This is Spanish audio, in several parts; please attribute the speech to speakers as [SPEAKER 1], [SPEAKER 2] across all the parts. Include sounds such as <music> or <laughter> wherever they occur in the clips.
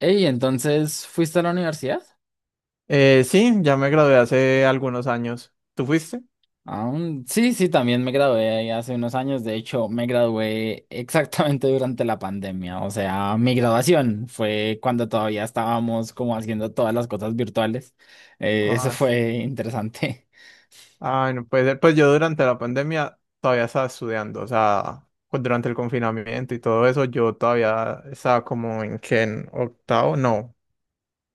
[SPEAKER 1] Ey, entonces, ¿fuiste a la universidad?
[SPEAKER 2] Sí, ya me gradué hace algunos años. ¿Tú fuiste?
[SPEAKER 1] Sí, sí, también me gradué ahí hace unos años. De hecho, me gradué <laughs> exactamente durante la pandemia. O sea, mi graduación fue cuando todavía estábamos como haciendo todas las cosas virtuales. Eso
[SPEAKER 2] Ay,
[SPEAKER 1] fue interesante.
[SPEAKER 2] ay, no puede ser. Pues yo durante la pandemia todavía estaba estudiando, o sea, durante el confinamiento y todo eso, yo todavía estaba como en que en octavo, no,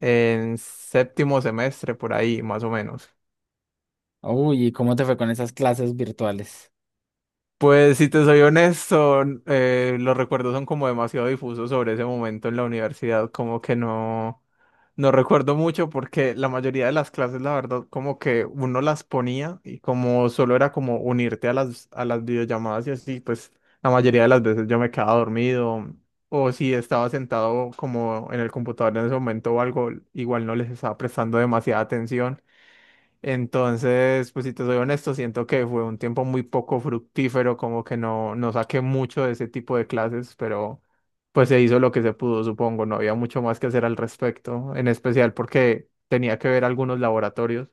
[SPEAKER 2] en séptimo semestre por ahí, más o menos.
[SPEAKER 1] <laughs> Uy, ¿y cómo te fue con esas clases virtuales?
[SPEAKER 2] Pues si te soy honesto, los recuerdos son como demasiado difusos sobre ese momento en la universidad, como que no, no recuerdo mucho porque la mayoría de las clases, la verdad, como que uno las ponía y como solo era como unirte a las videollamadas y así, pues la mayoría de las veces yo me quedaba dormido o si estaba sentado como en el computador en ese momento o algo, igual no les estaba prestando demasiada atención. Entonces, pues si te soy honesto, siento que fue un tiempo muy poco fructífero, como que no, no saqué mucho de ese tipo de clases, pero pues se hizo lo que se pudo, supongo, no había mucho más que hacer al respecto, en especial porque tenía que ver algunos laboratorios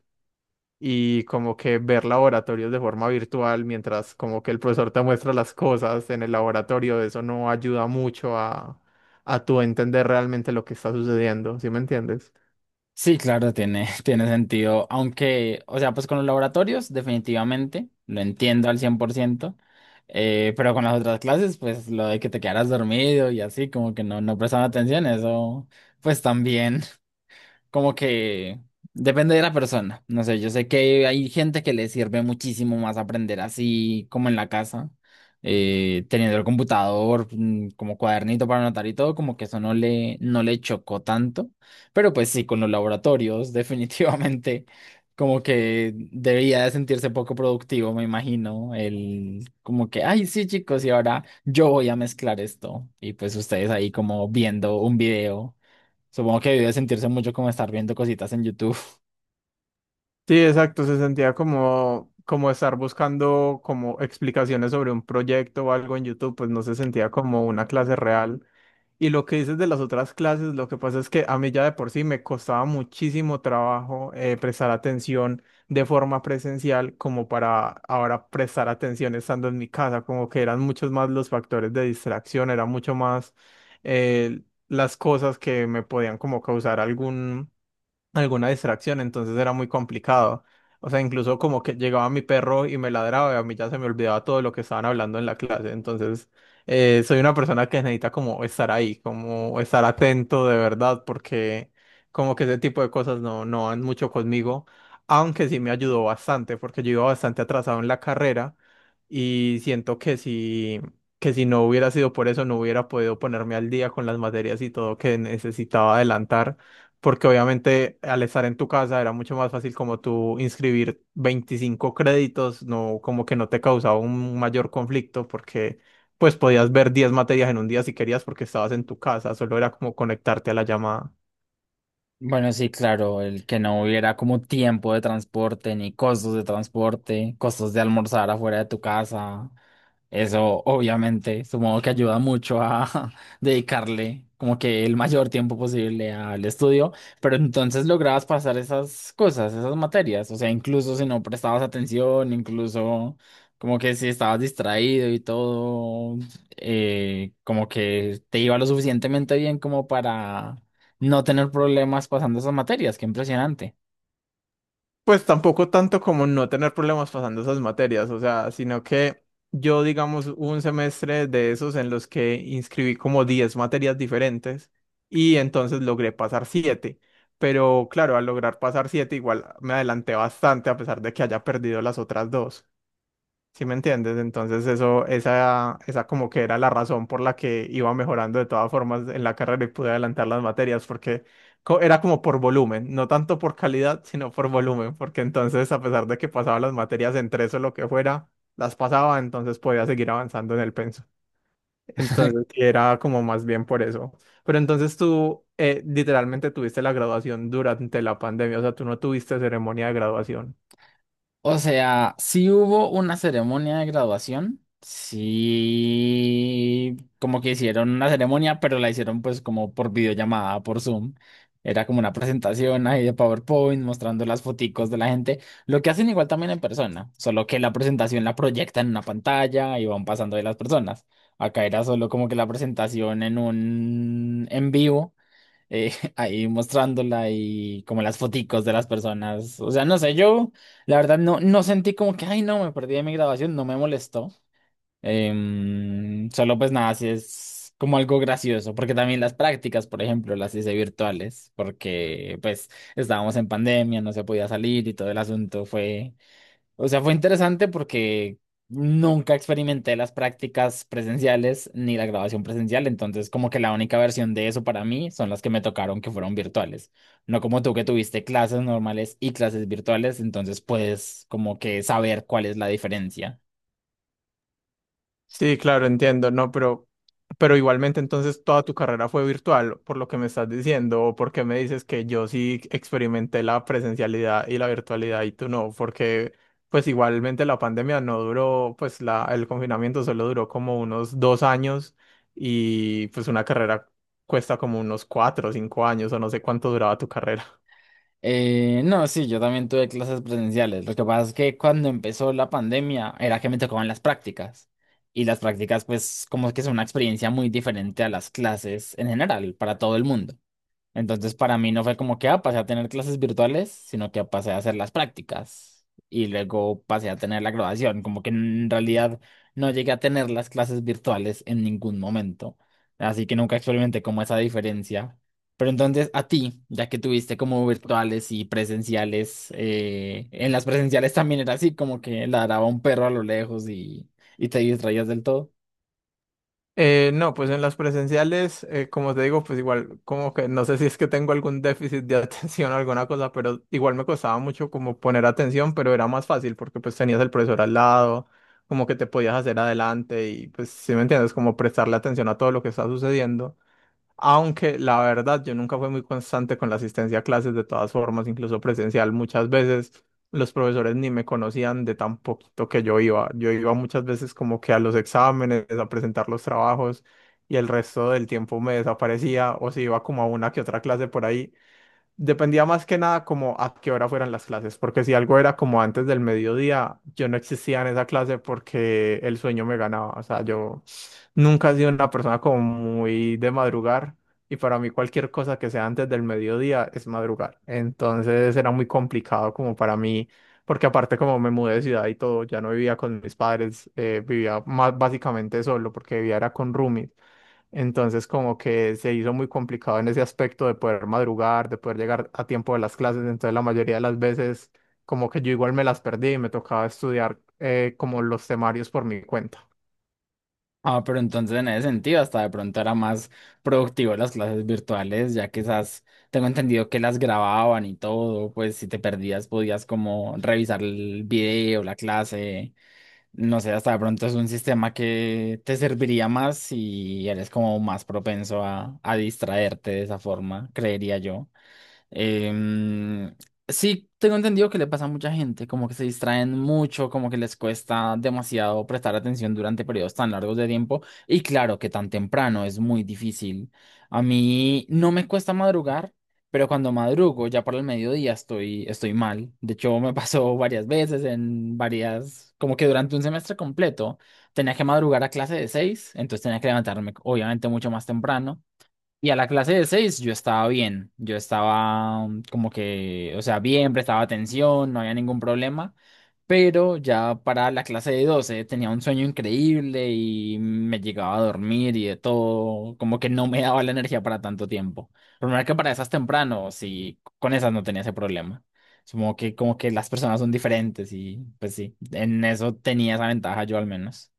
[SPEAKER 2] y como que ver laboratorios de forma virtual mientras como que el profesor te muestra las cosas en el laboratorio, eso no ayuda mucho a tu entender realmente lo que está sucediendo, ¿sí me entiendes?
[SPEAKER 1] Sí, claro, tiene, <laughs> tiene sentido. Aunque, o sea, pues con los laboratorios, definitivamente, lo entiendo al 100%. Pero con las otras clases, pues lo de que te quedaras dormido y así, como que no, no prestaban atención, eso, pues también como que depende de la persona. No sé, yo sé que hay gente que le sirve muchísimo más aprender así como en la casa, teniendo el computador, mm, como cuadernito para anotar y todo, como que eso no le, no le chocó tanto. Pero pues sí, con los laboratorios, <laughs> definitivamente. Como que debería de sentirse poco productivo, me imagino. El como que, ay, sí, chicos, y ahora yo voy a mezclar esto. Y pues ustedes ahí como viendo un video. Supongo que debe sentirse mucho como estar viendo cositas en YouTube.
[SPEAKER 2] Sí, exacto, se sentía como, como estar buscando como explicaciones sobre un proyecto o algo en YouTube, pues no se sentía como una clase real. Y lo que dices de las otras clases, lo que pasa es que a mí ya de por sí me costaba muchísimo trabajo prestar atención de forma presencial como para ahora prestar atención estando en mi casa, como que eran muchos más los factores de distracción, era mucho más eh, las cosas que me podían como causar algún alguna distracción, entonces era muy complicado. O sea, incluso como que llegaba mi perro y me ladraba y a mí ya se me olvidaba todo lo que estaban hablando en la clase. Entonces, soy una persona que necesita como estar ahí, como estar atento de verdad, porque como que ese tipo de cosas no, no van mucho conmigo, aunque sí me ayudó bastante, porque yo iba bastante atrasado en la carrera y siento que si no hubiera sido por eso, no hubiera podido ponerme al día con las materias y todo que necesitaba adelantar porque obviamente al estar en tu casa era mucho más fácil como tú inscribir 25 créditos, no como que no te causaba un mayor conflicto porque pues podías ver 10 materias en un día si querías porque estabas en tu casa, solo era como conectarte a la llamada.
[SPEAKER 1] Bueno, sí, claro, el que no hubiera como tiempo de transporte, ni costos de transporte, costos de almorzar afuera de tu casa. Eso obviamente, supongo que ayuda mucho a <laughs> dedicarle como que el mayor tiempo posible al estudio, pero entonces lograbas pasar esas cosas, esas materias, o sea, incluso si no prestabas atención, incluso como que si estabas distraído y todo, como que te iba lo suficientemente bien como para no tener problemas pasando esas materias, qué impresionante.
[SPEAKER 2] Pues tampoco tanto como no tener problemas pasando esas materias, o sea, sino que yo, digamos, hubo un semestre de esos en los que inscribí como 10 materias diferentes y entonces logré pasar 7. Pero claro, al lograr pasar 7 igual me adelanté bastante a pesar de que haya perdido las otras dos. ¿Sí me entiendes? Entonces eso, esa como que era la razón por la que iba mejorando de todas formas en la carrera y pude adelantar las materias, porque era como por volumen, no tanto por calidad, sino por volumen, porque entonces a pesar de que pasaba las materias en tres o lo que fuera, las pasaba, entonces podía seguir avanzando en el penso. Entonces
[SPEAKER 1] <laughs>
[SPEAKER 2] sí, era como más bien por eso. Pero entonces tú literalmente tuviste la graduación durante la pandemia, o sea, tú no tuviste ceremonia de graduación.
[SPEAKER 1] O sea, sí hubo una ceremonia de graduación, sí, como que hicieron una ceremonia, pero la hicieron pues como por videollamada, por Zoom. Era como una presentación ahí de PowerPoint mostrando las foticos de la gente, lo que hacen igual también en persona, solo que la presentación la proyectan en una pantalla y van pasando de las personas. Acá era solo como que la presentación en un en vivo <laughs> ahí mostrándola y como las foticos de las personas. O sea, no sé, yo la verdad no, no sentí como que, ay, no, me perdí de mi grabación, no me molestó. Solo pues nada, si es como algo gracioso, porque también las prácticas, por ejemplo, las hice virtuales, porque pues estábamos en pandemia, no se podía salir y todo el asunto fue o sea, fue interesante porque nunca experimenté las prácticas presenciales ni la grabación presencial, entonces como que la única versión de eso para mí son las que me tocaron que fueron virtuales. No como tú que tuviste clases normales y clases virtuales, entonces puedes como que saber cuál es la diferencia.
[SPEAKER 2] Sí, claro, entiendo, no, pero igualmente entonces toda tu carrera fue virtual, por lo que me estás diciendo, o porque me dices que yo sí experimenté la presencialidad y la virtualidad y tú no, porque pues igualmente la pandemia no duró, pues la, el confinamiento solo duró como unos 2 años y pues una carrera cuesta como unos cuatro o cinco años o no sé cuánto duraba tu carrera.
[SPEAKER 1] No, sí, yo también tuve clases presenciales. Lo que pasa es que cuando empezó la pandemia era que me tocaban las prácticas. Y las prácticas, pues, como que son una experiencia muy diferente a las clases en general, para todo el mundo. Entonces, para mí no fue como que, ah, pasé a tener clases virtuales, sino que pasé a hacer las prácticas y luego pasé a tener la graduación. Como que en realidad no llegué a tener las clases virtuales en ningún momento. Así que nunca experimenté como esa diferencia. Pero entonces, a ti, ya que tuviste como virtuales y presenciales, en las presenciales también era así, como que ladraba un perro a lo lejos y te distraías del todo.
[SPEAKER 2] No, pues en las presenciales, como te digo, pues igual, como que no sé si es que tengo algún déficit de <laughs> atención o alguna cosa, pero igual me costaba mucho como poner atención, pero era más fácil porque pues tenías el profesor al lado, como que te podías hacer adelante y pues si me entiendes, como prestarle atención a todo lo que está sucediendo. Aunque la verdad, yo nunca fui muy constante con la asistencia a clases de todas formas, incluso presencial. Muchas veces los profesores ni me conocían de tan poquito que yo iba. Yo iba muchas veces como que a los exámenes, a presentar los trabajos y el resto del tiempo me desaparecía o si iba como a una que otra clase por ahí. Dependía más que nada como a qué hora fueran las clases, porque si algo era como antes del mediodía, yo no existía en esa clase porque el sueño me ganaba. O sea, yo nunca he sido una persona como muy de madrugar y para mí cualquier cosa que sea antes del mediodía es madrugar. Entonces era muy complicado como para mí, porque aparte como me mudé de ciudad y todo, ya no vivía con mis padres, vivía más básicamente solo porque vivía era con roomies. Entonces, como que se hizo muy complicado en ese aspecto de poder madrugar, de poder llegar a tiempo de las clases. Entonces, la mayoría de las veces, como que yo igual me las perdí y me tocaba estudiar como los temarios por mi cuenta.
[SPEAKER 1] Ah, pero entonces en ese sentido hasta de pronto era más productivo las clases virtuales, ya que esas, tengo entendido que las grababan y todo, pues si te perdías podías como revisar el video, la clase, no sé, hasta de pronto es un sistema que te serviría más y eres como más propenso a distraerte de esa forma, creería yo. Em, sí, tengo entendido que le pasa a mucha gente, como que se distraen mucho, como que les cuesta demasiado prestar atención durante periodos tan largos de tiempo. Y claro que tan temprano es muy difícil. A mí no me cuesta madrugar, pero cuando madrugo ya para el mediodía estoy, estoy mal. De hecho, me <laughs> pasó varias veces en varias, como que durante un semestre completo tenía que madrugar a clase de seis, entonces tenía que levantarme obviamente mucho más temprano. Y a la clase de seis yo estaba bien, yo estaba mm, como que, o sea, bien, prestaba atención, no había ningún problema, pero ya para la clase de 12 tenía un sueño increíble y me llegaba a dormir y de todo, como que no me <laughs> daba la energía para tanto tiempo. Pero mira que para esas temprano, sí, con esas no tenía ese problema. Supongo que como que las personas son diferentes y pues sí, en eso tenía esa ventaja yo al menos.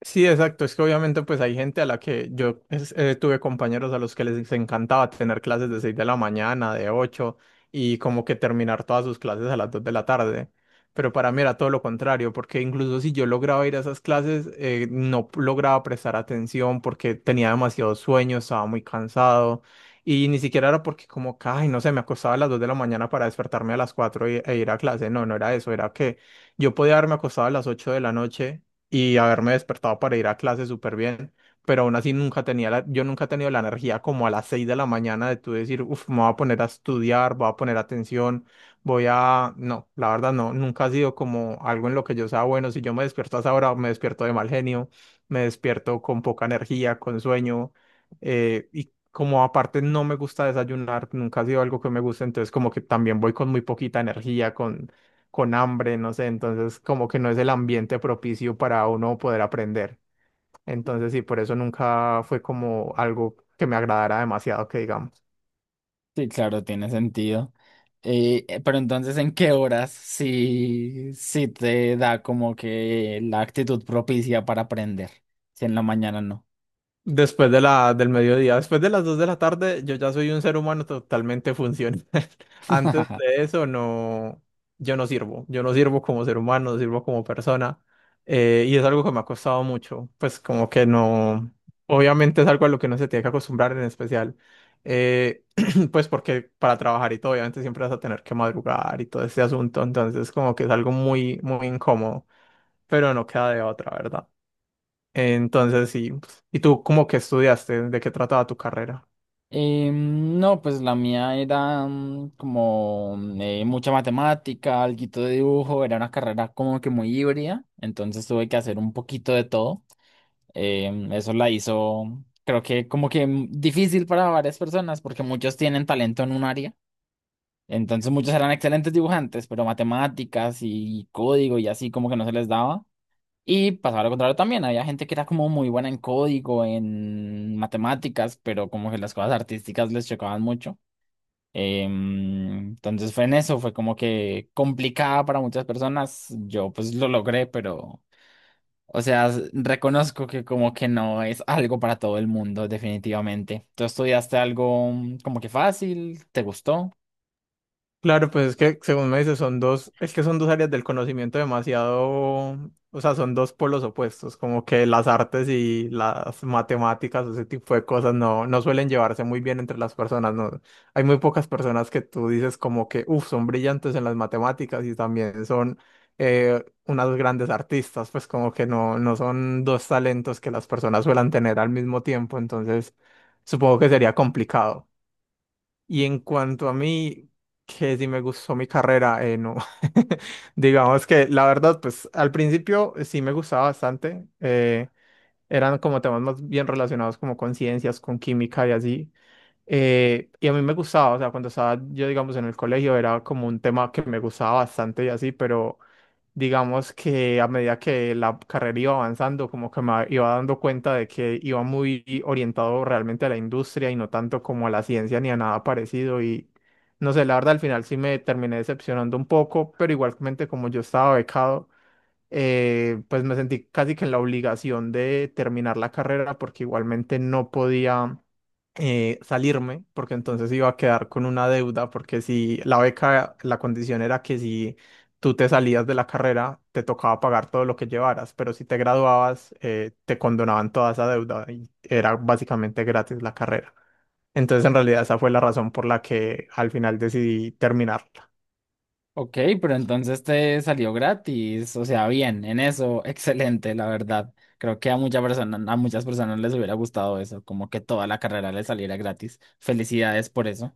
[SPEAKER 2] Sí, exacto. Es que obviamente pues hay gente a la que yo tuve compañeros a los que les encantaba tener clases de 6 de la mañana, de 8 y como que terminar todas sus clases a las 2 de la tarde. Pero para mí era todo lo contrario, porque incluso si yo lograba ir a esas clases, no lograba prestar atención porque tenía demasiado sueño, estaba muy cansado y ni siquiera era porque como, que, ay, no sé, me acostaba a las 2 de la mañana para despertarme a las 4 e ir a clase. No, no era eso, era que yo podía haberme acostado a las 8 de la noche y haberme despertado para ir a clase súper bien, pero aún así nunca tenía la, yo nunca he tenido la energía como a las 6 de la mañana de tú decir, uff, me voy a poner a estudiar, voy a poner atención, voy a, no, la verdad no, nunca ha sido como algo en lo que yo sea bueno, si yo me despierto a esa hora, me despierto de mal genio, me despierto con poca energía, con sueño, Como aparte no me gusta desayunar, nunca ha sido algo que me guste, entonces como que también voy con muy poquita energía, con hambre, no sé, entonces como que no es el ambiente propicio para uno poder aprender. Entonces sí, por eso nunca fue como algo que me agradara demasiado, que digamos.
[SPEAKER 1] Sí, claro, tiene sentido. Pero entonces, ¿en qué horas sí, sí te da como que la actitud propicia para aprender? Si en la mañana no.
[SPEAKER 2] Después de la, del mediodía, después de las 2 de la tarde, yo ya soy un ser humano totalmente funcional. <laughs> Antes de
[SPEAKER 1] <laughs>
[SPEAKER 2] eso, no, yo no sirvo. Yo no sirvo como ser humano, no sirvo como persona. Es algo que me ha costado mucho. Pues como que no, obviamente es algo a lo que no se tiene que acostumbrar en especial. eh, <clears throat> pues porque para trabajar y todo, obviamente siempre vas a tener que madrugar y todo ese asunto. Entonces como que es algo muy, muy incómodo, pero no queda de otra, ¿verdad? Entonces, sí. Pues, ¿y tú cómo que estudiaste? ¿De qué trataba tu carrera?
[SPEAKER 1] No, pues la mía era mm, como mm, mucha matemática, alguito de dibujo, era una carrera como que muy híbrida, entonces tuve que hacer un poquito de todo. Eso la hizo, creo que como que mm, difícil para varias personas porque muchos tienen talento en un área. Entonces muchos eran excelentes dibujantes, pero matemáticas y código y así como que no se les daba. Y pasaba lo contrario también, había gente que era como muy buena en código, en matemáticas, pero como que las cosas artísticas les chocaban mucho. Entonces fue en eso, fue como que complicada para muchas personas. Yo pues lo logré, pero, o sea, reconozco que como que no es algo para todo el mundo, definitivamente. ¿Tú estudiaste algo mm, como que fácil? ¿Te gustó?
[SPEAKER 2] Claro, pues es que según me dices, son dos, es que son dos áreas del conocimiento demasiado, o sea, son dos polos opuestos, como que las artes y las matemáticas, ese tipo de cosas no, no suelen llevarse muy bien entre las personas, ¿no? Hay muy pocas personas que tú dices como que, uff, son brillantes en las matemáticas y también son unas grandes artistas, pues como que no, no son dos talentos que las personas suelen tener al mismo tiempo, entonces supongo que sería complicado. Y en cuanto a mí, que si me gustó mi carrera, no. <laughs> Digamos que la verdad, pues al principio sí me gustaba bastante. Eran como temas más bien relacionados como con ciencias, con química y así. A mí me gustaba, o sea, cuando estaba yo, digamos, en el colegio era como un tema que me gustaba bastante y así, pero digamos que a medida que la carrera iba avanzando, como que me iba dando cuenta de que iba muy orientado realmente a la industria y no tanto como a la ciencia ni a nada parecido y no sé, la verdad al final sí me terminé decepcionando un poco, pero igualmente como yo estaba becado, pues me sentí casi que en la obligación de terminar la carrera porque igualmente no podía salirme, porque entonces iba a quedar con una deuda, porque si la beca, la condición era que si tú te salías de la carrera, te tocaba pagar todo lo que llevaras, pero si te graduabas, te condonaban toda esa deuda y era básicamente gratis la carrera. Entonces, en realidad, esa fue la razón por la que al final decidí terminarla.
[SPEAKER 1] Ok, pero entonces te salió gratis, o sea, bien, en eso, <laughs> excelente, la verdad. Creo que a muchas personas les hubiera gustado eso, como que toda la carrera les saliera gratis. Felicidades por eso.